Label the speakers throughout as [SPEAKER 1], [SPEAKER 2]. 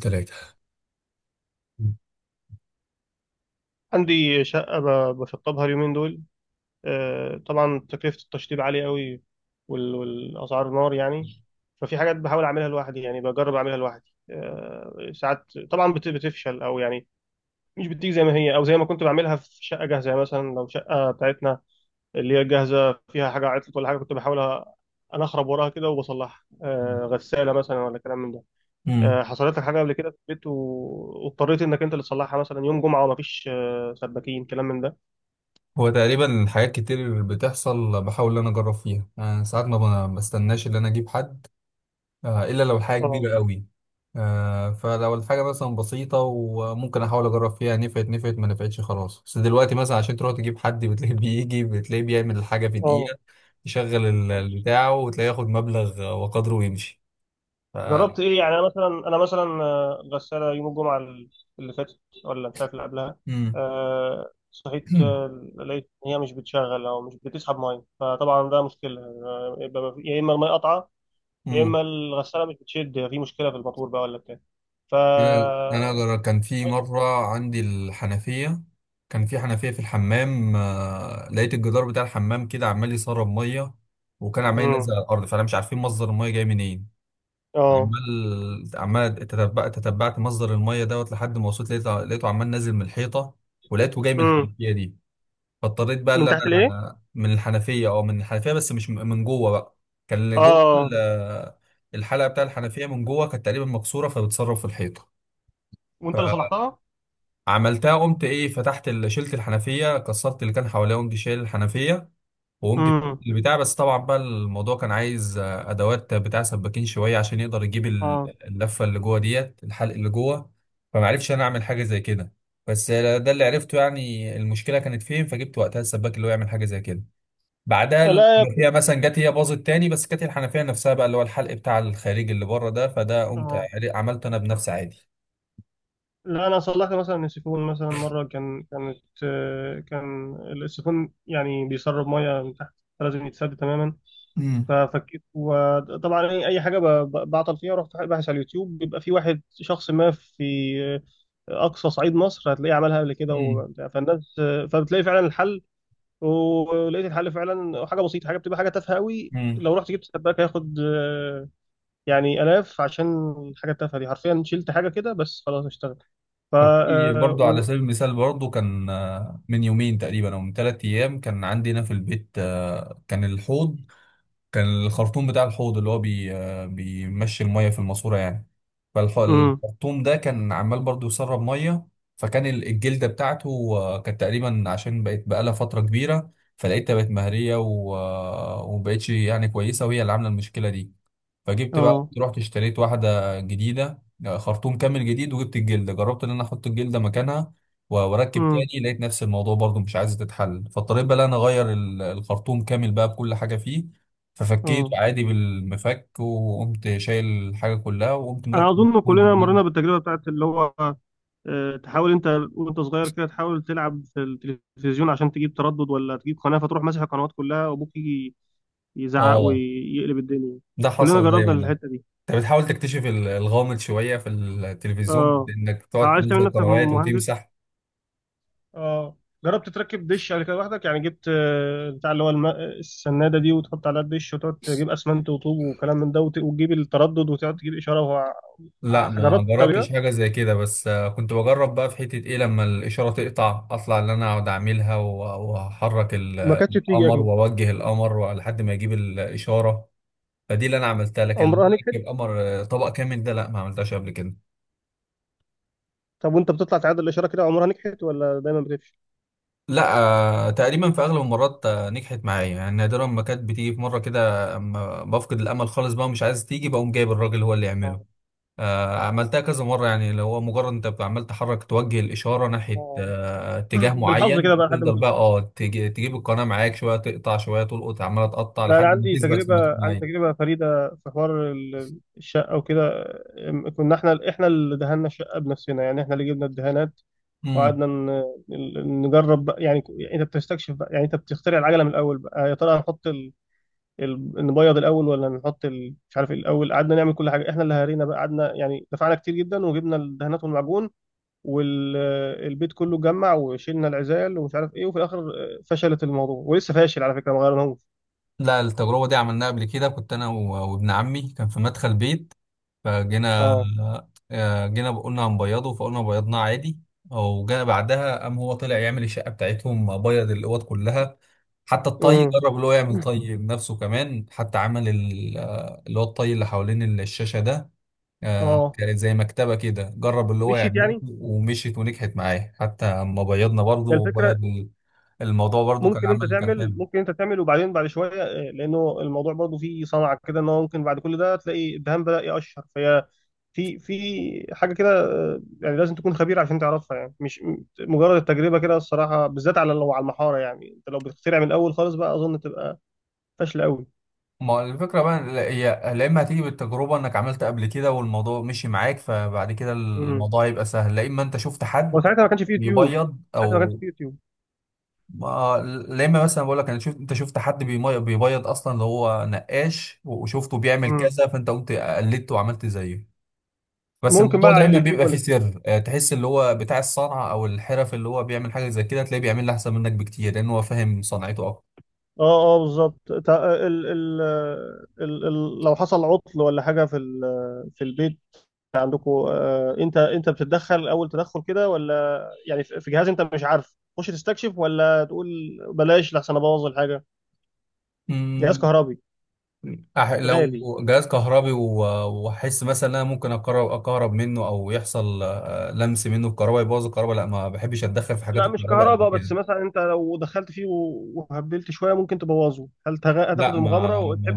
[SPEAKER 1] ثلاثة.
[SPEAKER 2] عندي شقة بشطبها اليومين دول. طبعا تكلفة التشطيب عالية قوي، والأسعار نار يعني. ففي حاجات بحاول أعملها لوحدي، يعني بجرب أعملها لوحدي ساعات طبعا بتفشل أو يعني مش بتيجي زي ما هي، أو زي ما كنت بعملها في شقة جاهزة. يعني مثلا لو شقة بتاعتنا اللي هي جاهزة فيها حاجة عطلت ولا حاجة، كنت بحاول أنخرب وراها كده وبصلحها. غسالة مثلا، ولا كلام من ده.
[SPEAKER 1] امم
[SPEAKER 2] حصلت لك حاجة قبل كده في البيت واضطريت إنك أنت اللي تصلحها، مثلا يوم جمعة ومفيش سباكين، كلام من ده؟
[SPEAKER 1] هو تقريبا حاجات كتير بتحصل، بحاول ان انا اجرب فيها أنا. ساعات ما بستناش ان انا اجيب حد، الا لو الحاجه
[SPEAKER 2] اه،
[SPEAKER 1] كبيره قوي. فلو الحاجه مثلا بسيطه وممكن احاول اجرب فيها، نفعت نفعت، ما نفعتش خلاص. بس دلوقتي مثلا عشان تروح تجيب حد بتلاقيه بيجي بتلاقيه بيعمل الحاجه في
[SPEAKER 2] اه.
[SPEAKER 1] دقيقه، يشغل البتاع وتلاقيه ياخد مبلغ وقدره ويمشي. ف...
[SPEAKER 2] جربت ايه يعني؟ انا مثلا غساله يوم الجمعه اللي فاتت، ولا مش عارف اللي قبلها.
[SPEAKER 1] امم
[SPEAKER 2] صحيت، لقيت ان هي مش بتشغل او مش بتسحب ميه. فطبعا ده مشكله، يبقى ما في- يا اما الميه قطعه، يا اما الغساله مش بتشد، في مشكله في الموتور بقى ولا بتاع. ف
[SPEAKER 1] كان في مره عندي الحنفيه. كان في حنفيه في الحمام، لقيت الجدار بتاع الحمام كده عمال يسرب ميه، وكان عمال ينزل
[SPEAKER 2] امم.
[SPEAKER 1] على الارض، فانا مش عارفين مصدر الميه جاي منين.
[SPEAKER 2] اه.
[SPEAKER 1] عمال تتبعت مصدر الميه دوت لحد ما وصلت، لقيته عمال نازل من الحيطه، ولقيته جاي من
[SPEAKER 2] امم.
[SPEAKER 1] الحنفيه دي. فاضطريت بقى
[SPEAKER 2] من
[SPEAKER 1] اللي
[SPEAKER 2] تحت الايه؟
[SPEAKER 1] انا من الحنفيه او من الحنفيه، بس مش من جوه بقى. كان اللي جوه
[SPEAKER 2] اه.
[SPEAKER 1] الحلقه بتاع الحنفيه من جوه كانت تقريبا مكسوره، فبتسرب في الحيطه.
[SPEAKER 2] وانت اللي صلحتها؟
[SPEAKER 1] عملتها قمت ايه، فتحت شلت الحنفيه، كسرت اللي كان حواليها، وقمت شايل الحنفيه، وقمت فك
[SPEAKER 2] امم.
[SPEAKER 1] البتاع. بس طبعا بقى الموضوع كان عايز ادوات بتاع سباكين شويه عشان يقدر يجيب
[SPEAKER 2] اه.
[SPEAKER 1] اللفه اللي جوه ديت، الحلق اللي جوه. فما عرفش انا اعمل حاجه زي كده، بس ده اللي عرفته يعني المشكله كانت فين، فجبت وقتها السباك اللي هو يعمل حاجه زي كده. بعدها
[SPEAKER 2] لا يا ابني.
[SPEAKER 1] الحنفيه مثلا جت هي باظت تاني، بس كانت الحنفيه نفسها بقى اللي هو الحلق بتاع الخارجي اللي بره ده، فده قمت
[SPEAKER 2] اه.
[SPEAKER 1] عملته انا بنفسي عادي.
[SPEAKER 2] لا، انا صلحت مثلا السيفون مثلا مره كان كانت كان السيفون يعني بيسرب ميه من تحت، فلازم يتسد تماما.
[SPEAKER 1] امم
[SPEAKER 2] ففكيت. وطبعا أي حاجه بعطل فيها، رحت باحث على اليوتيوب. بيبقى في واحد شخص ما في آه، اقصى صعيد مصر هتلاقيه عملها قبل كده وبتاع. فالناس فبتلاقي فعلا الحل. ولقيت الحل فعلا، حاجه بسيطه، حاجه بتبقى حاجه تافهه قوي.
[SPEAKER 1] امم
[SPEAKER 2] لو رحت جبت سباك هياخد يعني الاف عشان الحاجه التافهه دي. حرفيا شلت حاجه كده بس، خلاص اشتغل. ف
[SPEAKER 1] وفي
[SPEAKER 2] آه،
[SPEAKER 1] برضو على
[SPEAKER 2] و...
[SPEAKER 1] سبيل المثال برضو كان من يومين تقريبا او من 3 ايام كان عندنا في البيت، كان الحوض، كان الخرطوم بتاع الحوض اللي هو بي آه، بيمشي المية في الماسورة يعني.
[SPEAKER 2] مم.
[SPEAKER 1] فالخرطوم ده كان عمال برضو يسرب مية. فكان الجلدة بتاعته كانت تقريبا عشان بقت بقالها فترة كبيرة، فلقيتها بقت مهرية و- آه، ومبقتش يعني كويسة، وهي اللي عاملة المشكلة دي. فجبت بقى
[SPEAKER 2] اه.
[SPEAKER 1] رحت اشتريت واحدة جديدة، خرطوم كامل جديد، وجبت الجلدة، جربت ان انا احط الجلدة مكانها و- واركب
[SPEAKER 2] مم.
[SPEAKER 1] تاني، لقيت نفس الموضوع برضو مش عايزة تتحل، فاضطريت بقى إن انا اغير الخرطوم كامل بقى بكل حاجة فيه. ففكيت
[SPEAKER 2] اه.
[SPEAKER 1] عادي بالمفك، وقمت شايل الحاجة كلها، وقمت
[SPEAKER 2] انا
[SPEAKER 1] مركب
[SPEAKER 2] اظن
[SPEAKER 1] الخرطوم
[SPEAKER 2] كلنا
[SPEAKER 1] جديد.
[SPEAKER 2] مرينا بالتجربه بتاعت اللي هو تحاول انت وانت صغير كده تحاول تلعب في التلفزيون عشان تجيب تردد ولا تجيب قناه، فتروح ماسح القنوات كلها، وابوك يجي يزعق
[SPEAKER 1] اه،
[SPEAKER 2] ويقلب الدنيا.
[SPEAKER 1] ده
[SPEAKER 2] كلنا
[SPEAKER 1] حصل
[SPEAKER 2] جربنا
[SPEAKER 1] دايما ده.
[SPEAKER 2] الحته دي.
[SPEAKER 1] انت بتحاول تكتشف الغامض شوية في
[SPEAKER 2] اه.
[SPEAKER 1] التلفزيون، انك تقعد
[SPEAKER 2] عايز تعمل
[SPEAKER 1] تنزل
[SPEAKER 2] نفسك
[SPEAKER 1] قنوات
[SPEAKER 2] مهندس.
[SPEAKER 1] وتمسح.
[SPEAKER 2] اه. جربت تركب دش قبل كده لوحدك؟ يعني جبت بتاع اللي هو السناده دي وتحط عليها الدش، وتقعد تجيب اسمنت وطوب وكلام من ده، وتجيب التردد وتقعد تجيب اشاره.
[SPEAKER 1] لا ما
[SPEAKER 2] جربت قبل
[SPEAKER 1] جربتش
[SPEAKER 2] كده،
[SPEAKER 1] حاجة زي كده، بس كنت بجرب بقى في حتة ايه، لما الإشارة تقطع أطلع اللي أنا أقعد أعملها و- وأحرك
[SPEAKER 2] ما كانتش بتيجي
[SPEAKER 1] القمر
[SPEAKER 2] اكيد.
[SPEAKER 1] وأوجه القمر لحد ما يجيب الإشارة. فدي اللي أنا عملتها، لكن إن أنا
[SPEAKER 2] عمرها نجحت؟
[SPEAKER 1] أركب قمر، طبق كامل ده لا، ما عملتهاش قبل كده.
[SPEAKER 2] طب وانت بتطلع تعادل الاشاره كده، عمرها نجحت ولا دايما بتفشل؟
[SPEAKER 1] لا، تقريبا في أغلب المرات نجحت معايا يعني. نادرا ما كانت بتيجي في مرة كده، أما بفقد الأمل خالص بقى مش عايز تيجي بقوم جايب الراجل هو اللي يعمله.
[SPEAKER 2] آه.
[SPEAKER 1] عملتها كذا مرة يعني. لو هو مجرد انت عمال تحرك توجه الإشارة ناحية
[SPEAKER 2] آه.
[SPEAKER 1] اتجاه
[SPEAKER 2] بالحظ كده
[SPEAKER 1] معين،
[SPEAKER 2] بقى لحد ما
[SPEAKER 1] تفضل
[SPEAKER 2] تيجي.
[SPEAKER 1] بقى تجيب القناة، معاك شوية تقطع شوية تلقط، عمالة تقطع
[SPEAKER 2] لا، انا
[SPEAKER 1] لحد ما
[SPEAKER 2] عندي
[SPEAKER 1] تثبت في مكان
[SPEAKER 2] تجربه. عندي
[SPEAKER 1] معين.
[SPEAKER 2] تجربه فريده في حوار الشقه وكده. كنا احنا اللي دهنا الشقه بنفسنا، يعني احنا اللي جبنا الدهانات،
[SPEAKER 1] امم
[SPEAKER 2] وقعدنا نجرب بقى، يعني يعني انت بتستكشف بقى، يعني انت بتخترع العجله من الاول بقى. يا ترى هنحط نبيض الاول، ولا نحط مش عارف إيه الاول. قعدنا نعمل كل حاجه، احنا اللي هرينا بقى. قعدنا يعني دفعنا كتير جدا، وجبنا الدهانات والمعجون، والبيت كله اتجمع وشيلنا العزال ومش عارف ايه. وفي الاخر فشلت الموضوع، ولسه فاشل على فكره، ما غيرناهوش.
[SPEAKER 1] لا، التجربة دي عملناها قبل كده، كنت أنا و- وابن عمي كان في مدخل بيت. فجينا
[SPEAKER 2] اه.
[SPEAKER 1] جينا قلنا هنبيضه، فقلنا بيضناه عادي، او جاء بعدها قام هو طلع يعمل الشقه بتاعتهم بيض الاوض كلها. حتى الطي
[SPEAKER 2] امم.
[SPEAKER 1] جرب اللي هو يعمل طي بنفسه كمان، حتى عمل اللي هو الطي اللي حوالين الشاشه ده،
[SPEAKER 2] اه.
[SPEAKER 1] كانت زي مكتبه كده جرب اللي هو
[SPEAKER 2] مشيت
[SPEAKER 1] يعمله
[SPEAKER 2] يعني،
[SPEAKER 1] ومشيت ونجحت معاه حتى. اما بيضنا برضه
[SPEAKER 2] هي الفكره.
[SPEAKER 1] وبيض الموضوع برضه كان عمل، كان حلو.
[SPEAKER 2] ممكن انت تعمل وبعدين بعد شويه لانه الموضوع برضو فيه صنعه كده، ان هو ممكن بعد كل ده تلاقي الدهان بدا يقشر. فهي في حاجه كده، يعني لازم تكون خبير عشان تعرفها. يعني مش مجرد التجربه كده الصراحه، بالذات على لو على المحاره. يعني انت لو بتخترع من الاول خالص بقى، اظن تبقى فاشله قوي.
[SPEAKER 1] ما هو الفكرة بقى، لا- هي لا إما هتيجي بالتجربة إنك عملت قبل كده والموضوع مشي معاك فبعد كده
[SPEAKER 2] امم.
[SPEAKER 1] الموضوع يبقى سهل، لا إما أنت شفت حد
[SPEAKER 2] وساعتها ما كانش في يوتيوب.
[SPEAKER 1] بيبيض
[SPEAKER 2] ساعتها ما كانش
[SPEAKER 1] أو
[SPEAKER 2] في يوتيوب.
[SPEAKER 1] ما. لا إما مثلا بقول لك أنا شفت أنت شفت حد بيبيض أصلا، اللي هو نقاش، وشفته بيعمل
[SPEAKER 2] امم.
[SPEAKER 1] كذا فأنت قمت قلدته وعملت زيه. بس
[SPEAKER 2] ممكن بقى
[SPEAKER 1] الموضوع
[SPEAKER 2] على
[SPEAKER 1] دايما
[SPEAKER 2] اليوتيوب
[SPEAKER 1] بيبقى فيه
[SPEAKER 2] ولا كده؟
[SPEAKER 1] سر، تحس اللي هو بتاع الصنعة أو الحرف اللي هو بيعمل حاجة زي كده تلاقيه بيعمل أحسن منك بكتير، لأن هو فاهم صنعته
[SPEAKER 2] اه، اه، بالظبط. ال ال ال ال لو حصل عطل ولا حاجه في في البيت عندكم، انت بتتدخل اول تدخل كده، ولا يعني في جهاز انت مش عارف تخش تستكشف، ولا تقول بلاش لحسن ابوظ الحاجه، جهاز
[SPEAKER 1] أكتر.
[SPEAKER 2] كهربي
[SPEAKER 1] لو
[SPEAKER 2] غالي؟
[SPEAKER 1] جهاز كهربي و- واحس مثلا ان انا ممكن اقرب اكهرب منه او يحصل لمس منه الكهرباء يبوظ الكهرباء، لا ما بحبش اتدخل في حاجات
[SPEAKER 2] لا، مش
[SPEAKER 1] الكهرباء قد
[SPEAKER 2] كهرباء بس.
[SPEAKER 1] كده.
[SPEAKER 2] مثلا انت لو دخلت فيه وهبلت شويه ممكن تبوظه، هل
[SPEAKER 1] لا،
[SPEAKER 2] هتاخد المغامره وتحب؟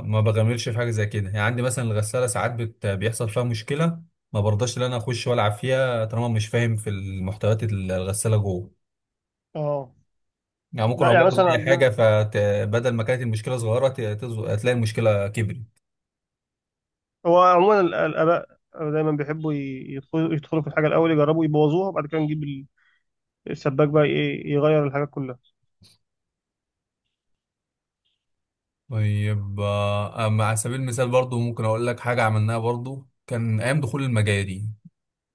[SPEAKER 1] ما بغامرش في حاجه زي كده يعني. عندي مثلا الغساله ساعات بيحصل فيها مشكله، ما برضاش ان انا اخش والعب فيها طالما مش فاهم في المحتويات الغساله جوه.
[SPEAKER 2] اه.
[SPEAKER 1] يعني ممكن
[SPEAKER 2] لا يعني
[SPEAKER 1] ابوظ
[SPEAKER 2] مثلا
[SPEAKER 1] اي حاجه،
[SPEAKER 2] عندنا،
[SPEAKER 1] فبدل ما كانت المشكله صغيره هتلاقي المشكله كبرت.
[SPEAKER 2] هو عموما الاباء دايما بيحبوا يدخلوا في الحاجه الاول، يجربوا يبوظوها، وبعد كده نجيب السباك بقى يغير الحاجات كلها.
[SPEAKER 1] طيب، أما على سبيل المثال برضو ممكن أقول لك حاجة عملناها برضو، كان أيام دخول المجاري.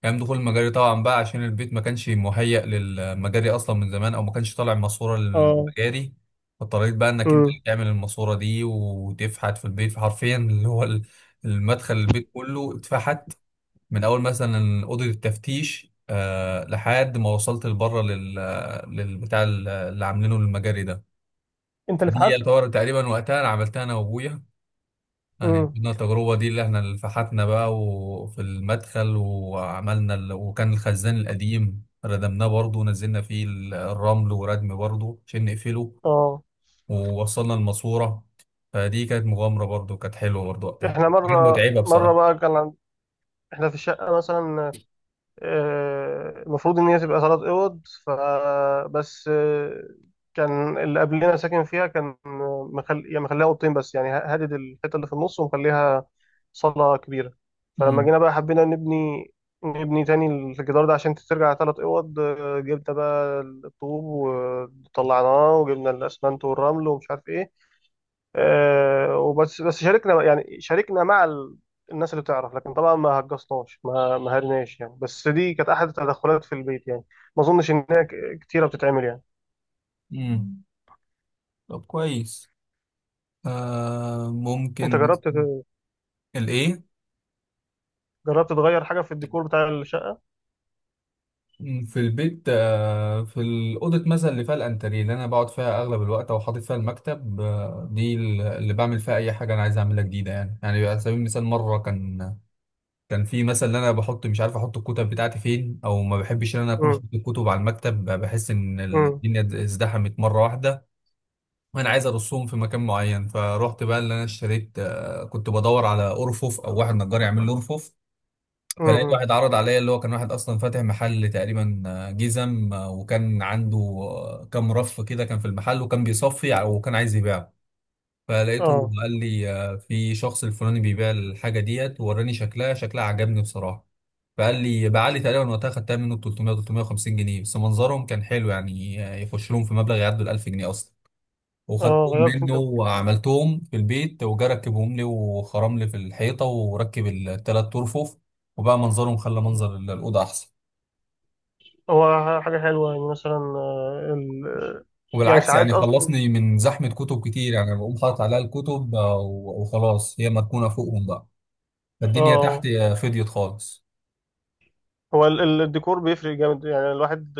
[SPEAKER 1] أيام دخول المجاري طبعا بقى عشان البيت ما كانش مهيأ للمجاري أصلا من زمان، أو ما كانش طالع ماسورة
[SPEAKER 2] اه.
[SPEAKER 1] للمجاري، فاضطريت بقى إنك أنت اللي
[SPEAKER 2] امم.
[SPEAKER 1] تعمل الماسورة دي وتفحت في البيت حرفيا اللي هو المدخل، البيت كله اتفحت، من أول مثلا أوضة التفتيش، آه، لحد ما وصلت لبره للبتاع اللي عاملينه للمجاري ده.
[SPEAKER 2] انت اللي
[SPEAKER 1] فدي
[SPEAKER 2] فحت؟
[SPEAKER 1] يعتبر تقريبا وقتها أنا عملتها أنا وأبويا يعني.
[SPEAKER 2] امم.
[SPEAKER 1] كنا التجربة دي اللي احنا اللي فحتنا بقى، وفي المدخل، وعملنا وكان الخزان القديم ردمناه برضه، ونزلنا فيه الرمل وردم برضه عشان نقفله،
[SPEAKER 2] اه.
[SPEAKER 1] ووصلنا الماسورة. فدي كانت مغامرة برضه، كانت حلوة برضه وقتها،
[SPEAKER 2] احنا
[SPEAKER 1] كانت
[SPEAKER 2] مره
[SPEAKER 1] متعبة
[SPEAKER 2] مره
[SPEAKER 1] بصراحة.
[SPEAKER 2] بقى كان عند... احنا في الشقه مثلا المفروض ان هي تبقى 3 اوض، فبس كان اللي قبلنا ساكن فيها كان يعني مخليها اوضتين بس، يعني هادد الحته اللي في النص ومخليها صاله كبيره. فلما
[SPEAKER 1] امم
[SPEAKER 2] جينا بقى حبينا نبني تاني الجدار ده عشان ترجع 3 اوض. جبنا بقى الطوب وطلعناه، وجبنا الاسمنت والرمل ومش عارف ايه. وبس بس شاركنا، يعني شاركنا مع الناس اللي بتعرف، لكن طبعا ما هجصناش، ما هرناش يعني. بس دي كانت احد التدخلات في البيت يعني، ما اظنش ان هي كتيره بتتعمل يعني.
[SPEAKER 1] امم طب كويس. آه،
[SPEAKER 2] انت
[SPEAKER 1] ممكن
[SPEAKER 2] جربت
[SPEAKER 1] الايه.
[SPEAKER 2] جربت تغير حاجه في الديكور بتاع الشقه؟
[SPEAKER 1] في البيت، في الأوضة مثلا اللي فيها الأنتريه اللي أنا بقعد فيها أغلب الوقت أو حاطط فيها المكتب، دي اللي بعمل فيها أي حاجة أنا عايز أعملها جديدة يعني. يعني على سبيل المثال مرة كان، كان في مثلا إن أنا بحط مش عارف أحط الكتب بتاعتي فين، أو ما بحبش إن أنا أكون
[SPEAKER 2] امم،
[SPEAKER 1] حاطط الكتب على المكتب، بحس إن
[SPEAKER 2] امم،
[SPEAKER 1] الدنيا ازدحمت مرة واحدة، وأنا عايز أرصهم في مكان معين. فروحت بقى اللي أنا اشتريت، كنت بدور على أرفف أو واحد نجار يعمل لي أرفف. فلقيت
[SPEAKER 2] امم.
[SPEAKER 1] واحد عرض عليا اللي هو كان واحد اصلا فاتح محل تقريبا، جزم، وكان عنده كام رف كده كان في المحل وكان بيصفي وكان عايز يبيعه. فلقيته
[SPEAKER 2] اه،
[SPEAKER 1] قال لي، في شخص الفلاني بيبيع الحاجه ديت، ووراني شكلها، شكلها عجبني بصراحه. فقال لي باع لي تقريبا وقتها، خدتها منه 300 350 جنيه، بس منظرهم كان حلو يعني. يخش لهم في مبلغ يعدوا ال 1000 جنيه اصلا.
[SPEAKER 2] اه.
[SPEAKER 1] وخدتهم
[SPEAKER 2] غيرت
[SPEAKER 1] منه
[SPEAKER 2] انت؟
[SPEAKER 1] وعملتهم في البيت وجا ركبهم لي وخرم لي في الحيطة وركب التلات ترفف، وبقى منظرهم خلى منظر الأوضة أحسن.
[SPEAKER 2] هو حاجه حلوه يعني، مثلا يعني
[SPEAKER 1] وبالعكس
[SPEAKER 2] ساعات
[SPEAKER 1] يعني
[SPEAKER 2] اصلا.
[SPEAKER 1] خلصني من زحمة كتب كتير يعني. بقوم حاطط عليها الكتب، آه، و- وخلاص هي مدفونة فوقهم بقى. فالدنيا تحت
[SPEAKER 2] اه،
[SPEAKER 1] فضيت خالص.
[SPEAKER 2] هو الديكور بيفرق جامد، يعني الواحد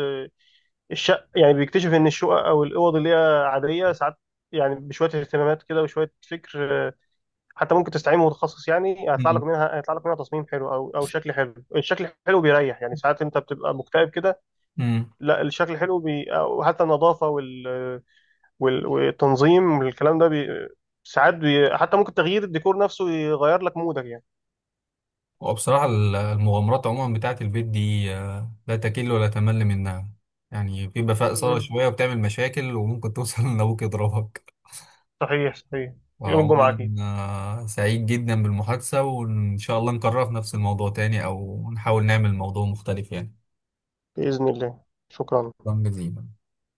[SPEAKER 2] الشق يعني بيكتشف ان الشقق او الاوض اللي هي عاديه ساعات. يعني بشويه اهتمامات كده وشويه فكر، حتى ممكن تستعين متخصص يعني،
[SPEAKER 1] مم.
[SPEAKER 2] هيطلع لك منها تصميم حلو او شكل حلو. الشكل الحلو بيريح. يعني ساعات انت بتبقى مكتئب كده،
[SPEAKER 1] مم.
[SPEAKER 2] لا، الشكل الحلو او حتى النظافه والتنظيم والكلام ده ساعات حتى ممكن تغيير الديكور نفسه يغير لك مودك يعني.
[SPEAKER 1] وبصراحة المغامرات عموما بتاعت البيت دي، لا تكل ولا تمل منها يعني. بيبقى فيها إثارة
[SPEAKER 2] مم.
[SPEAKER 1] شوية وبتعمل مشاكل وممكن توصل إن أبوك يضربك.
[SPEAKER 2] صحيح، صحيح. يوم الجمعه
[SPEAKER 1] وعموما،
[SPEAKER 2] اكيد.
[SPEAKER 1] سعيد جدا بالمحادثة وإن شاء الله نكررها في نفس الموضوع تاني، أو نحاول نعمل موضوع مختلف يعني.
[SPEAKER 2] باذن الله. شكرا.
[SPEAKER 1] شكرا جزيلا.